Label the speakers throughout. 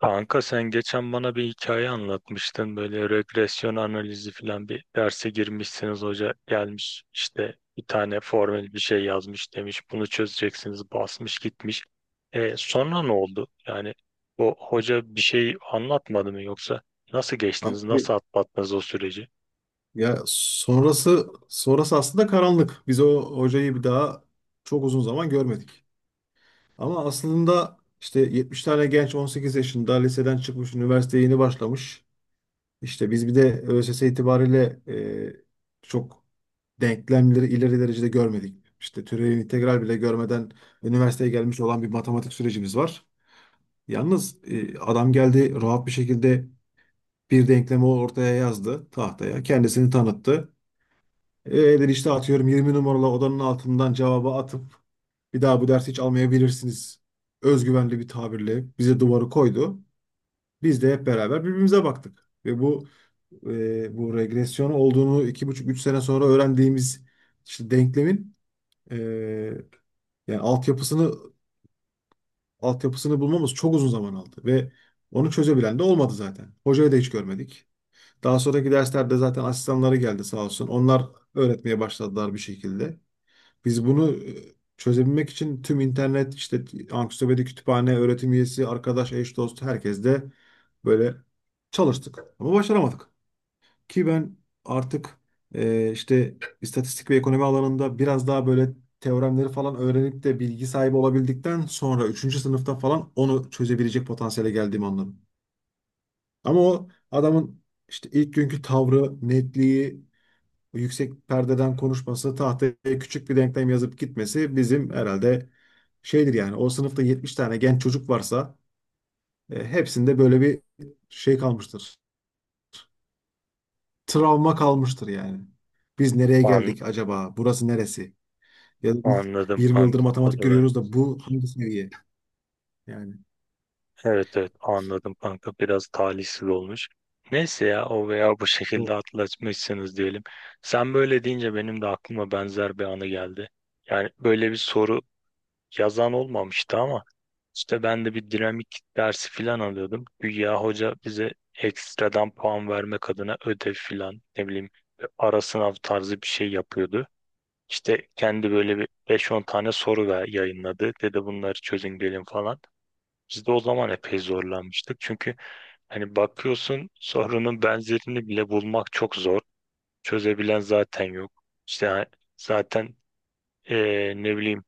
Speaker 1: Kanka sen geçen bana bir hikaye anlatmıştın. Böyle regresyon analizi falan bir derse girmişsiniz. Hoca gelmiş işte bir tane formül bir şey yazmış demiş. Bunu çözeceksiniz basmış gitmiş. Sonra ne oldu? Yani o hoca bir şey anlatmadı mı yoksa nasıl geçtiniz? Nasıl
Speaker 2: Abi,
Speaker 1: atlattınız o süreci?
Speaker 2: ya sonrası aslında karanlık. Biz o hocayı bir daha çok uzun zaman görmedik. Ama aslında işte 70 tane genç 18 yaşında liseden çıkmış, üniversiteye yeni başlamış. İşte biz bir de ÖSS itibariyle çok denklemleri ileri derecede görmedik. İşte türevin integral bile görmeden üniversiteye gelmiş olan bir matematik sürecimiz var. Yalnız adam geldi rahat bir şekilde bir denklemi ortaya yazdı tahtaya. Kendisini tanıttı. Eğer işte atıyorum 20 numaralı odanın altından cevabı atıp bir daha bu dersi hiç almayabilirsiniz. Özgüvenli bir tabirle bize duvarı koydu. Biz de hep beraber birbirimize baktık. Ve bu regresyon olduğunu iki buçuk üç sene sonra öğrendiğimiz işte denklemin, e, yani altyapısını bulmamız çok uzun zaman aldı. Ve onu çözebilen de olmadı zaten. Hocayı da hiç görmedik. Daha sonraki derslerde zaten asistanları geldi sağ olsun. Onlar öğretmeye başladılar bir şekilde. Biz bunu çözebilmek için tüm internet, işte ansiklopedi, kütüphane, öğretim üyesi, arkadaş, eş, dost herkes de böyle çalıştık. Ama başaramadık. Ki ben artık işte istatistik ve ekonomi alanında biraz daha böyle teoremleri falan öğrenip de bilgi sahibi olabildikten sonra üçüncü sınıfta falan onu çözebilecek potansiyele geldiğimi anladım. Ama o adamın işte ilk günkü tavrı, netliği, bu yüksek perdeden konuşması, tahtaya küçük bir denklem yazıp gitmesi bizim herhalde şeydir yani. O sınıfta 70 tane genç çocuk varsa hepsinde böyle bir şey kalmıştır. Travma kalmıştır yani. Biz nereye
Speaker 1: An
Speaker 2: geldik acaba? Burası neresi? Ya da biz
Speaker 1: Anladım
Speaker 2: 20 yıldır
Speaker 1: kanka, o
Speaker 2: matematik
Speaker 1: da var.
Speaker 2: görüyoruz da bu hangi seviye? Yani.
Speaker 1: Evet, evet, anladım kanka, biraz talihsiz olmuş. Neyse ya, o veya bu şekilde atlatmışsınız diyelim. Sen böyle deyince benim de aklıma benzer bir anı geldi. Yani böyle bir soru yazan olmamıştı ama işte ben de bir dinamik dersi falan alıyordum. Güya hoca bize ekstradan puan vermek adına ödev falan, ne bileyim, ara sınav tarzı bir şey yapıyordu. İşte kendi böyle bir beş on tane soru ver, yayınladı. Dedi bunları çözün gelin falan. Biz de o zaman epey zorlanmıştık. Çünkü hani bakıyorsun sorunun benzerini bile bulmak çok zor. Çözebilen zaten yok. İşte zaten, ne bileyim,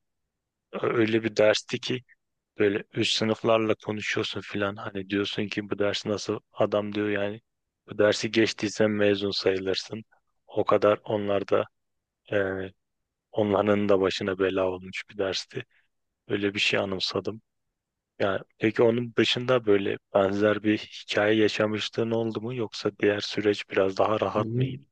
Speaker 1: öyle bir dersti ki böyle üst sınıflarla konuşuyorsun filan. Hani diyorsun ki bu dersi nasıl, adam diyor yani bu dersi geçtiysen mezun sayılırsın. O kadar onlar da, eee, onların da başına bela olmuş bir dersti. Öyle bir şey anımsadım. Yani peki onun dışında böyle benzer bir hikaye yaşamışlığın oldu mu yoksa diğer süreç biraz daha rahat mıydı?
Speaker 2: Benim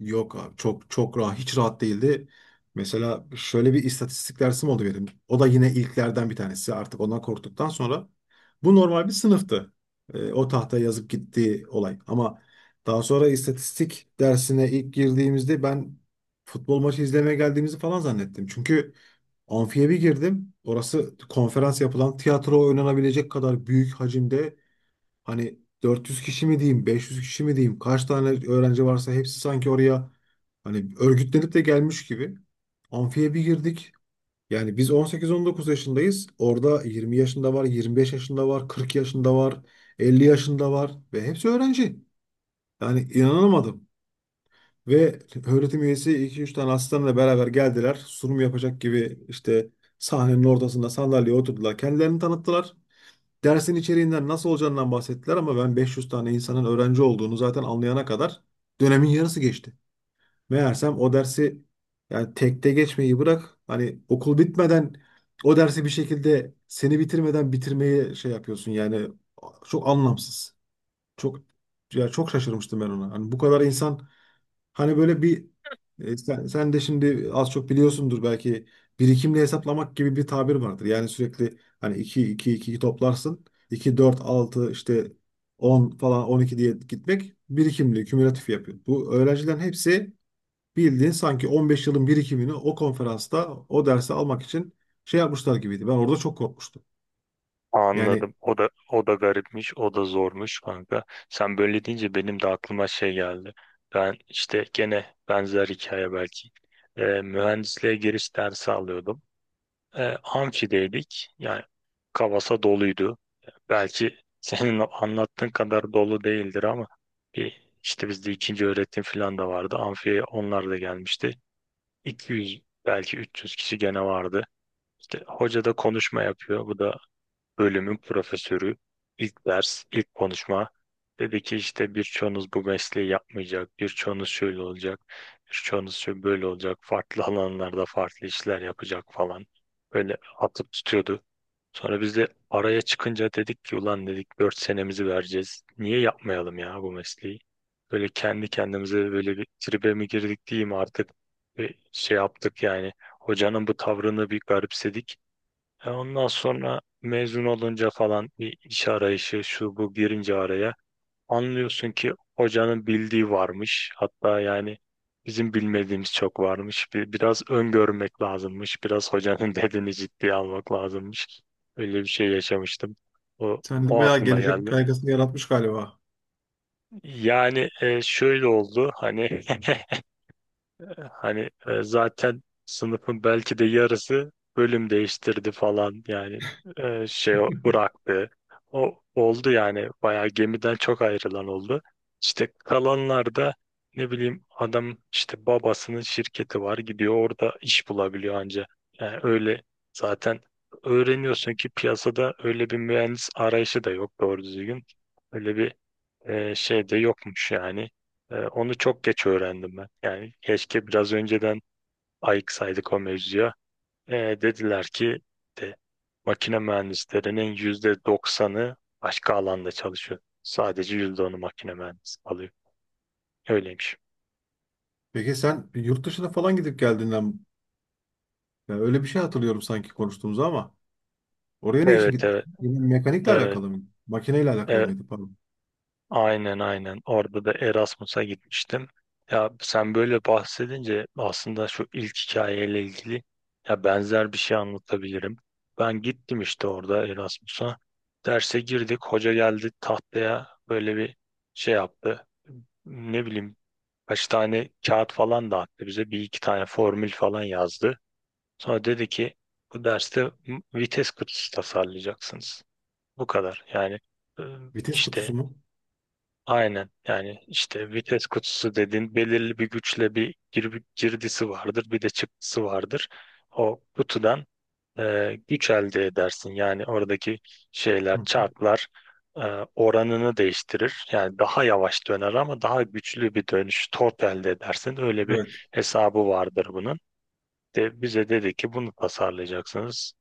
Speaker 2: Yok abi, çok çok rahat, hiç rahat değildi. Mesela şöyle bir istatistik dersim oldu benim. O da yine ilklerden bir tanesi. Artık ondan korktuktan sonra bu normal bir sınıftı. O tahtaya yazıp gittiği olay. Ama daha sonra istatistik dersine ilk girdiğimizde ben futbol maçı izlemeye geldiğimizi falan zannettim. Çünkü amfiye bir girdim. Orası konferans yapılan, tiyatro oynanabilecek kadar büyük hacimde. Hani 400 kişi mi diyeyim, 500 kişi mi diyeyim, kaç tane öğrenci varsa hepsi sanki oraya hani örgütlenip de gelmiş gibi. Amfiye bir girdik. Yani biz 18-19 yaşındayız. Orada 20 yaşında var, 25 yaşında var, 40 yaşında var, 50 yaşında var ve hepsi öğrenci. Yani inanamadım. Ve öğretim üyesi iki üç tane asistanla beraber geldiler. Sunum yapacak gibi işte sahnenin ortasında sandalyeye oturdular. Kendilerini tanıttılar. Dersin içeriğinden, nasıl olacağından bahsettiler ama ben 500 tane insanın öğrenci olduğunu zaten anlayana kadar dönemin yarısı geçti. Meğersem o dersi yani tekte geçmeyi bırak, hani okul bitmeden o dersi bir şekilde seni bitirmeden bitirmeyi şey yapıyorsun yani, çok anlamsız. Çok, ya çok şaşırmıştım ben ona. Hani bu kadar insan. Hani böyle bir sen de şimdi az çok biliyorsundur belki, birikimli hesaplamak gibi bir tabir vardır. Yani sürekli hani 2 2 2 toplarsın. İki 4 altı, işte 10 falan 12 diye gitmek birikimli, kümülatif yapıyor. Bu öğrencilerin hepsi bildiğin sanki 15 yılın birikimini o konferansta o dersi almak için şey yapmışlar gibiydi. Ben orada çok korkmuştum. Yani
Speaker 1: Anladım. O da garipmiş, o da zormuş kanka. Sen böyle deyince benim de aklıma şey geldi. Ben işte gene benzer hikaye belki. Mühendisliğe giriş dersi alıyordum. Amfideydik. Yani kavasa doluydu. Belki senin anlattığın kadar dolu değildir ama bir işte bizde ikinci öğretim falan da vardı. Amfiye onlar da gelmişti. 200 belki 300 kişi gene vardı. İşte hoca da konuşma yapıyor. Bu da bölümün profesörü. İlk ders, ilk konuşma. Dedi ki işte birçoğunuz bu mesleği yapmayacak, birçoğunuz şöyle olacak, birçoğunuz şöyle böyle olacak, farklı alanlarda farklı işler yapacak falan. Böyle atıp tutuyordu. Sonra biz de araya çıkınca dedik ki ulan dedik 4 senemizi vereceğiz. Niye yapmayalım ya bu mesleği? Böyle kendi kendimize böyle bir tribe mi girdik diyeyim artık. Bir şey yaptık yani. Hocanın bu tavrını bir garipsedik. E ondan sonra mezun olunca falan bir iş arayışı şu bu girince araya, anlıyorsun ki hocanın bildiği varmış. Hatta yani bizim bilmediğimiz çok varmış. Bir, biraz öngörmek lazımmış. Biraz hocanın dediğini ciddiye almak lazımmış. Öyle bir şey yaşamıştım. O,
Speaker 2: sen de
Speaker 1: o
Speaker 2: bayağı
Speaker 1: aklıma
Speaker 2: gelecek
Speaker 1: geldi.
Speaker 2: kaygısını yaratmış galiba.
Speaker 1: Yani şöyle oldu hani Hani zaten sınıfın belki de yarısı bölüm değiştirdi falan yani, şey bıraktı. O oldu yani bayağı gemiden çok ayrılan oldu. İşte kalanlar da, ne bileyim, adam işte babasının şirketi var, gidiyor orada iş bulabiliyor anca. Yani öyle, zaten öğreniyorsun ki piyasada öyle bir mühendis arayışı da yok doğru düzgün. Öyle bir şey de yokmuş yani. Onu çok geç öğrendim ben. Yani keşke biraz önceden ayıksaydık o mevzuya. Dediler ki de, makine mühendislerinin %90'ı başka alanda çalışıyor. Sadece %10'u makine mühendisi alıyor. Öyleymiş.
Speaker 2: Peki sen yurt dışına falan gidip geldiğinden, yani öyle bir şey hatırlıyorum sanki konuştuğumuzu ama. Oraya ne için
Speaker 1: Evet,
Speaker 2: gitmiş?
Speaker 1: evet,
Speaker 2: Yine mekanikle
Speaker 1: evet,
Speaker 2: alakalı mıydı? Makineyle alakalı
Speaker 1: evet.
Speaker 2: mıydı, pardon?
Speaker 1: Aynen, aynen. Orada da Erasmus'a gitmiştim. Ya sen böyle bahsedince aslında şu ilk hikayeyle ilgili ya benzer bir şey anlatabilirim. Ben gittim işte orada Erasmus'a. Derse girdik. Hoca geldi tahtaya böyle bir şey yaptı. Ne bileyim, kaç tane kağıt falan dağıttı bize. Bir iki tane formül falan yazdı. Sonra dedi ki bu derste vites kutusu tasarlayacaksınız. Bu kadar. Yani e,
Speaker 2: Vites kutusu
Speaker 1: işte
Speaker 2: mu?
Speaker 1: Aynen, yani işte vites kutusu dediğin belirli bir güçle bir girdisi vardır bir de çıktısı vardır. O kutudan güç elde edersin, yani oradaki
Speaker 2: Hı
Speaker 1: şeyler,
Speaker 2: hı.
Speaker 1: çarklar e, oranını değiştirir. Yani daha yavaş döner ama daha güçlü bir dönüş tork elde edersin, öyle bir
Speaker 2: Evet.
Speaker 1: hesabı vardır bunun. De bize dedi ki bunu tasarlayacaksınız.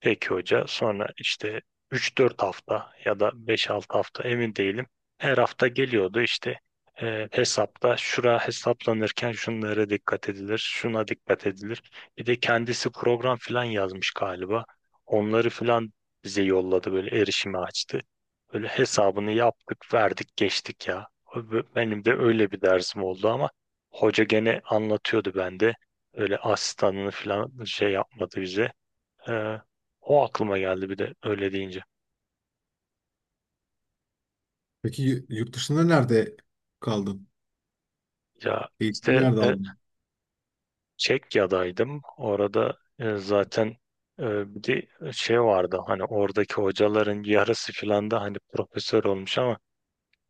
Speaker 1: Peki hoca. Sonra işte üç dört hafta ya da beş altı hafta, emin değilim. Her hafta geliyordu işte, hesapta şura hesaplanırken şunlara dikkat edilir, şuna dikkat edilir. Bir de kendisi program falan yazmış galiba. Onları falan bize yolladı, böyle erişimi açtı. Böyle hesabını yaptık, verdik, geçtik ya. Benim de öyle bir dersim oldu ama hoca gene anlatıyordu bende. Öyle asistanını falan şey yapmadı bize. Ee, O aklıma geldi bir de öyle deyince.
Speaker 2: Peki yurt dışında nerede kaldın?
Speaker 1: Ya
Speaker 2: Eğitimi
Speaker 1: işte
Speaker 2: nerede aldın?
Speaker 1: Çekya'daydım. Orada zaten bir de şey vardı, hani oradaki hocaların yarısı filan da hani profesör olmuş ama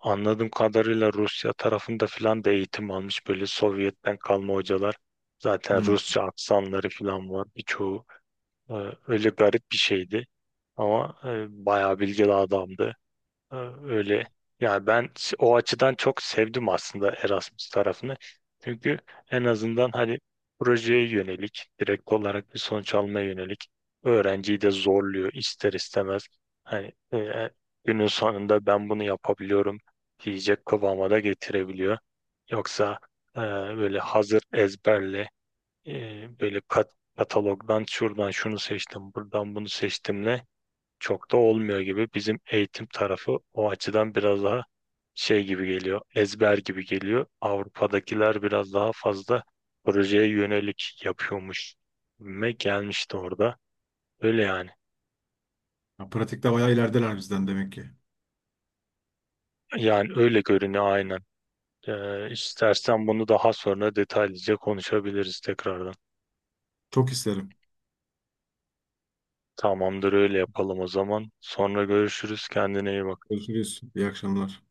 Speaker 1: anladığım kadarıyla Rusya tarafında filan da eğitim almış böyle Sovyet'ten kalma hocalar. Zaten
Speaker 2: Hı.
Speaker 1: Rusça aksanları filan var birçoğu. E, Öyle garip bir şeydi ama bayağı bilgili adamdı. Ee, Öyle. Yani ben o açıdan çok sevdim aslında Erasmus tarafını. Çünkü en azından hani projeye yönelik, direkt olarak bir sonuç almaya yönelik, öğrenciyi de zorluyor ister istemez. Hani günün sonunda ben bunu yapabiliyorum diyecek kıvama da getirebiliyor. Yoksa böyle hazır ezberle, e, böyle katalogdan şuradan şunu seçtim, buradan bunu seçtimle çok da olmuyor gibi. Bizim eğitim tarafı o açıdan biraz daha şey gibi geliyor, ezber gibi geliyor. Avrupa'dakiler biraz daha fazla projeye yönelik yapıyormuş. Ve gelmişti orada. Öyle yani.
Speaker 2: Ya pratikte bayağı ilerideler bizden demek ki.
Speaker 1: Yani öyle görünüyor, aynen. İstersen bunu daha sonra detaylıca konuşabiliriz tekrardan.
Speaker 2: Çok isterim.
Speaker 1: Tamamdır, öyle yapalım o zaman. Sonra görüşürüz. Kendine iyi bak.
Speaker 2: Görüşürüz. İyi akşamlar.